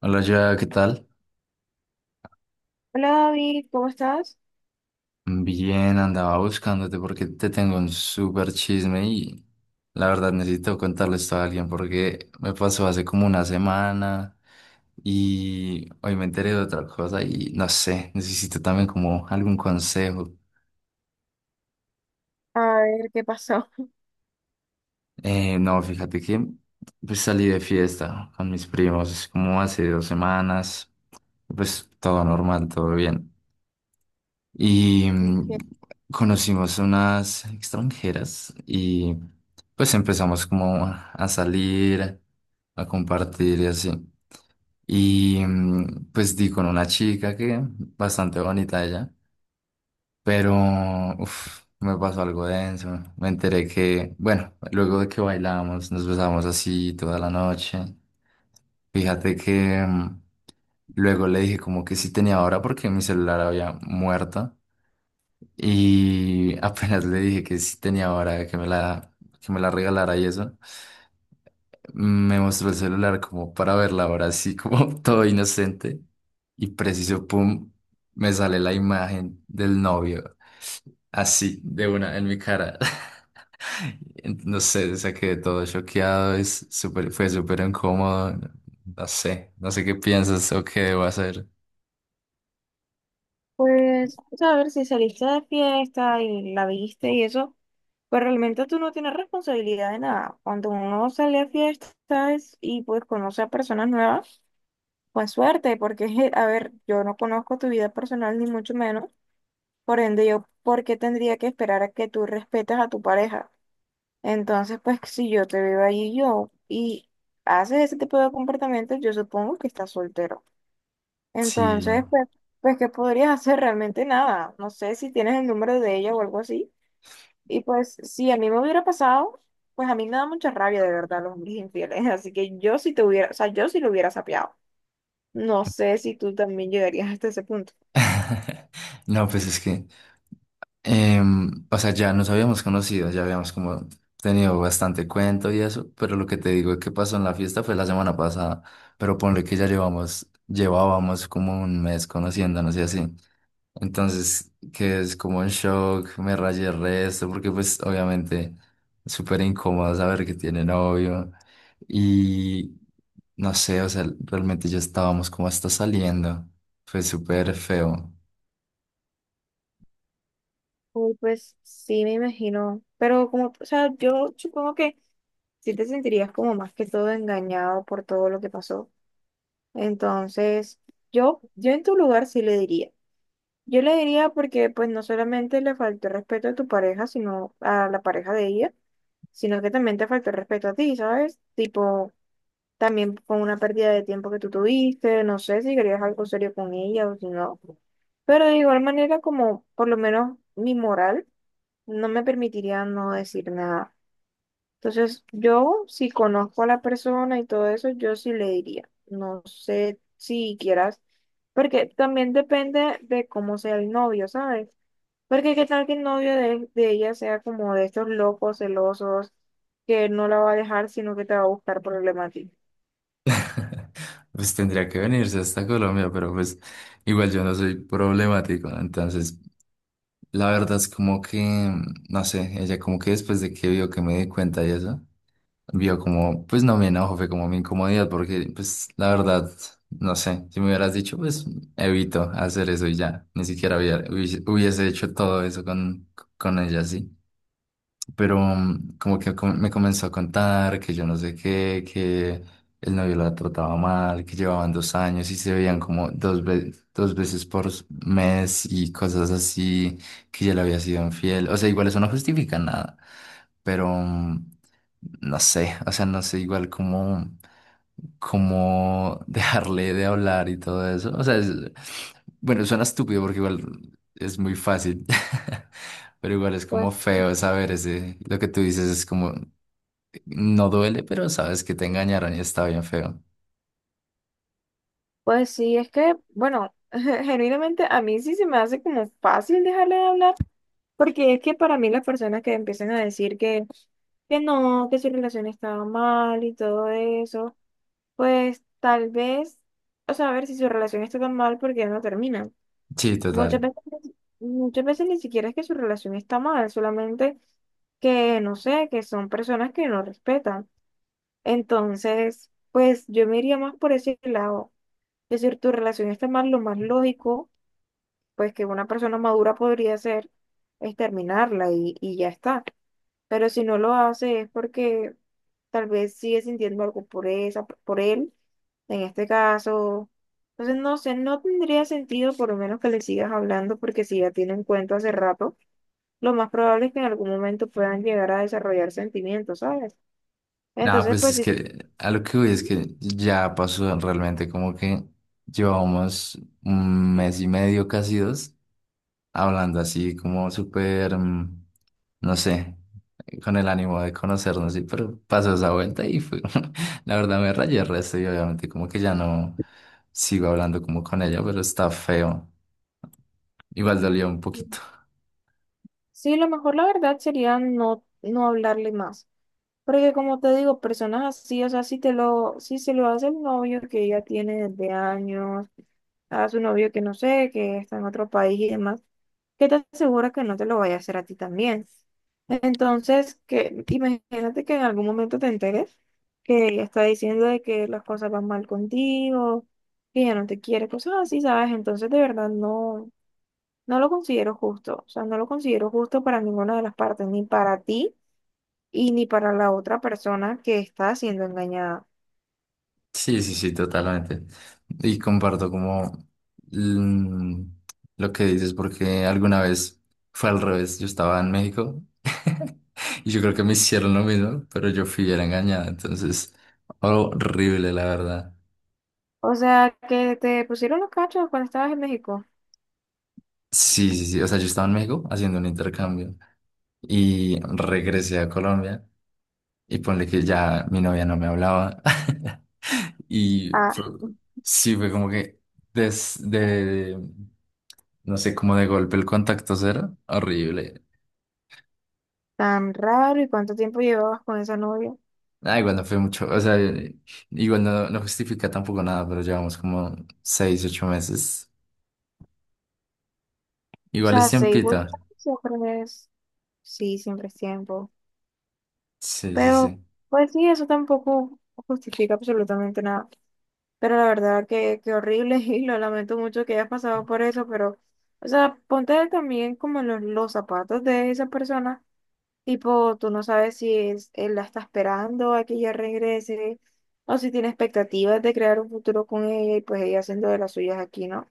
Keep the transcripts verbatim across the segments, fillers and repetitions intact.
Hola, ya, ¿qué tal? Hola David, ¿cómo estás? Bien, andaba buscándote porque te tengo un súper chisme y la verdad necesito contarle esto a alguien porque me pasó hace como una semana y hoy me enteré de otra cosa y no sé, necesito también como algún consejo. A ver, ¿qué pasó? Eh, no, fíjate que pues salí de fiesta con mis primos como hace dos semanas, pues todo normal, todo bien. Y mm, Ok, conocimos unas extranjeras y pues empezamos como a salir, a compartir y así. Y mm, pues di con una chica que bastante bonita ella, pero uf, me pasó algo denso. Me enteré que, bueno, luego de que bailamos, nos besamos así toda la noche. Fíjate que mm, luego le dije como que sí tenía hora porque mi celular había muerto. Y apenas le dije que sí tenía hora, que me la, que me la regalara y eso, me mostró el celular como para ver la hora, así como todo inocente. Y preciso, pum, me sale la imagen del novio, así, de una, en mi cara. No sé, o sea, quedé todo choqueado, es súper, fue súper incómodo. No sé, no sé qué piensas o qué debo hacer. pues, o sea, a ver si saliste de fiesta y la viste y eso, pues realmente tú no tienes responsabilidad de nada. Cuando uno sale a fiestas y pues conoce a personas nuevas, pues suerte, porque, a ver, yo no conozco tu vida personal ni mucho menos, por ende yo, ¿por qué tendría que esperar a que tú respetes a tu pareja? Entonces, pues si yo te veo ahí yo y haces ese tipo de comportamientos, yo supongo que estás soltero. Sí. Entonces, pues, pues, ¿qué podrías hacer? Realmente nada. No sé si tienes el número de ella o algo así. Y pues, si a mí me hubiera pasado, pues a mí me da mucha rabia de verdad los hombres infieles. Así que yo sí te hubiera, o sea, yo sí lo hubiera sapeado. No sé si tú también llegarías hasta ese punto. No, pues es que Em, o sea, ya nos habíamos conocido, ya habíamos como tenido bastante cuento y eso, pero lo que te digo que pasó en la fiesta fue la semana pasada, pero ponle que ya llevamos, llevábamos como un mes conociéndonos y así. Entonces, que es como un shock, me rayé el resto, porque pues obviamente súper incómodo saber que tiene novio y no sé, o sea, realmente ya estábamos como hasta saliendo, fue súper feo. Uy, pues sí, me imagino. Pero como, o sea, yo supongo que sí te sentirías como más que todo engañado por todo lo que pasó. Entonces, yo, yo en tu lugar sí le diría. Yo le diría porque pues no solamente le faltó el respeto a tu pareja, sino a la pareja de ella, sino que también te faltó el respeto a ti, ¿sabes? Tipo, también con una pérdida de tiempo que tú tuviste, no sé si querías algo serio con ella o si no. Pero de igual manera, como por lo menos mi moral no me permitiría no decir nada. Entonces, yo si conozco a la persona y todo eso, yo sí le diría. No sé si quieras, porque también depende de cómo sea el novio, ¿sabes? Porque qué tal que el novio de, de ella sea como de estos locos celosos que no la va a dejar, sino que te va a buscar problemas a ti. Pues tendría que venirse hasta Colombia, pero pues igual yo no soy problemático, ¿no? Entonces la verdad es como que, no sé, ella como que después de que vio que me di cuenta y eso, vio como, pues no me enojo, fue como mi incomodidad, porque pues la verdad, no sé, si me hubieras dicho, pues evito hacer eso y ya, ni siquiera hubiera- hubiese hubiese hecho todo eso con, con ella, sí, pero mm, como que com- me comenzó a contar que yo no sé qué, que el novio la trataba mal, que llevaban dos años y se veían como dos, ve- dos veces por s- mes y cosas así, que ya le había sido infiel. O sea, igual eso no justifica nada, pero mm, no sé, o sea, no sé igual cómo, cómo dejarle de hablar y todo eso. O sea, es- bueno, suena estúpido porque igual es muy fácil. Pero igual es como Pues, feo saber ese, lo que tú dices es como, no duele, pero sabes que te engañaron y está bien feo. pues sí, es que, bueno, genuinamente a mí sí se me hace como fácil dejarle de hablar, porque es que para mí las personas que empiezan a decir que, que no, que su relación estaba mal y todo eso, pues tal vez, o sea, a ver si su relación está tan mal, ¿porque no termina? Sí, Muchas total. veces, muchas veces ni siquiera es que su relación está mal, solamente que, no sé, que son personas que no respetan. Entonces, pues yo me iría más por ese lado. Es decir, tu relación está mal, lo más lógico, pues que una persona madura podría hacer es terminarla y, y ya está. Pero si no lo hace es porque tal vez sigue sintiendo algo por esa, por él en este caso, entonces no sé, no tendría sentido por lo menos que le sigas hablando porque si ya tienen cuento hace rato, lo más probable es que en algún momento puedan llegar a desarrollar sentimientos, ¿sabes? Nada, Entonces, pues pues es sí, se- que a lo que voy es que ya pasó realmente como que llevamos un mes y medio, casi dos, hablando así como súper, mm, no sé, con el ánimo de conocernos, sí, pero pasó esa vuelta y fue, la verdad me rayé el resto y obviamente como que ya no sigo hablando como con ella, pero está feo. Igual dolió un poquito. sí, lo mejor la verdad sería no, no hablarle más. Porque como te digo, personas así, o sea, si te lo, si se lo hace el novio que ella tiene desde años, a su novio que no sé, que está en otro país y demás, qué te aseguras que no te lo vaya a hacer a ti también. Entonces, que imagínate que en algún momento te enteres que ella está diciendo de que las cosas van mal contigo, que ella no te quiere, cosas así, ¿sabes? Entonces, de verdad, no, no lo considero justo. O sea, no lo considero justo para ninguna de las partes, ni para ti y ni para la otra persona que está siendo engañada. Sí, sí, sí, totalmente. Y comparto como mm, lo que dices, porque alguna vez fue al revés, yo estaba en México y yo creo que me hicieron lo mismo, pero yo fui era engañada, entonces horrible, la verdad. O sea, que te pusieron los cachos cuando estabas en México. Sí, sí, sí, o sea, yo estaba en México haciendo un intercambio. Y regresé a Colombia y ponle que ya mi novia no me hablaba y Ah, fue- sí fue como que desde, no sé, como de golpe el contacto cero, horrible. tan raro, ¿y cuánto tiempo llevabas con esa novia? O Ah, igual no fue mucho, o sea, igual no, no justifica tampoco nada, pero llevamos como seis, ocho meses. Igual es sea, seis u tiempito. ocho años siempre es, sí, siempre es tiempo. Sí, sí, Pero, sí. pues sí, eso tampoco justifica absolutamente nada. Pero la verdad que, que horrible y lo lamento mucho que hayas pasado por eso, pero, o sea, ponte también como en los, los zapatos de esa persona. Tipo, tú no sabes si es, él la está esperando a que ella regrese o si tiene expectativas de crear un futuro con ella y pues ella haciendo de las suyas aquí, ¿no?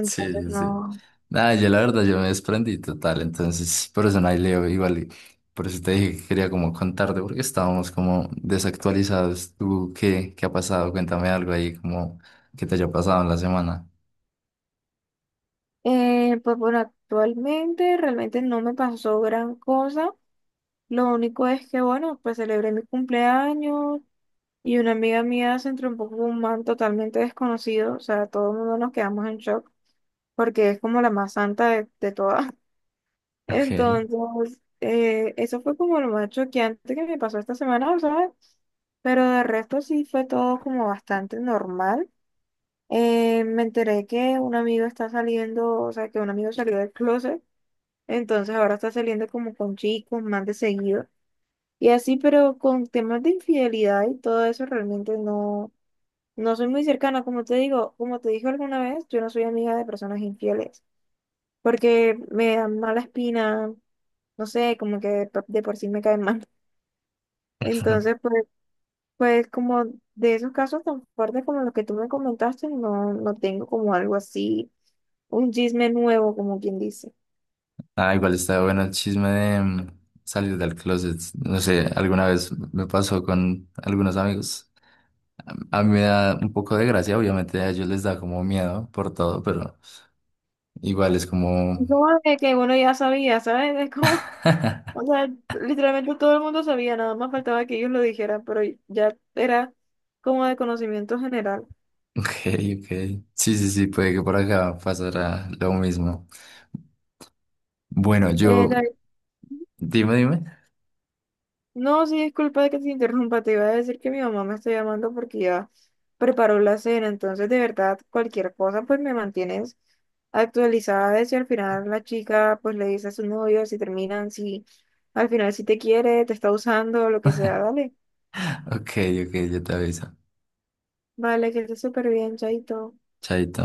Sí, sí, sí. no. Nada, yo la verdad, yo me desprendí total, entonces por eso no hay Leo igual, y por eso te dije que quería como contarte, porque estábamos como desactualizados. ¿Tú qué, qué ha pasado? Cuéntame algo ahí, como que te haya pasado en la semana. Eh, pues bueno, actualmente realmente no me pasó gran cosa. Lo único es que, bueno, pues celebré mi cumpleaños y una amiga mía se entrompó con un man totalmente desconocido. O sea, todo el mundo nos quedamos en shock porque es como la más santa de, de todas. Ok. Entonces, eh, eso fue como lo más choqueante que me pasó esta semana, ¿sabes? Pero de resto sí fue todo como bastante normal. Eh, me enteré que un amigo está saliendo, o sea, que un amigo salió del closet. Entonces ahora está saliendo como con chicos más de seguido y así, pero con temas de infidelidad y todo eso realmente no, no soy muy cercana. Como te digo, como te dije alguna vez, yo no soy amiga de personas infieles porque me dan mala espina, no sé, como que de, por de por sí me caen mal. Entonces, pues, pues como de esos casos tan fuertes como los que tú me comentaste, no, no tengo como algo así, un chisme nuevo, como quien dice. Ah, igual está bueno el chisme de mm, salir del closet. No sé, alguna vez me pasó con algunos amigos. A mí me da un poco de gracia, obviamente a ellos les da como miedo por todo, pero igual es como... Como de que uno ya sabía, ¿sabes? Es como... O sea, literalmente todo el mundo sabía, nada más faltaba que ellos lo dijeran, pero ya era como de conocimiento general. Ok, ok. Sí, sí, sí, puede que por acá pasará lo mismo. Bueno, Eh, yo, David, dime, dime. no, sí, disculpa de que te interrumpa, te iba a decir que mi mamá me está llamando porque ya preparó la cena, entonces de verdad cualquier cosa pues me mantienes actualizada de si al final la chica pues le dice a su novio, si terminan, si al final si te quiere, te está usando, lo que sea, dale. Ok, ok, yo te aviso. Vale, que estés súper bien, chaito. Chaito.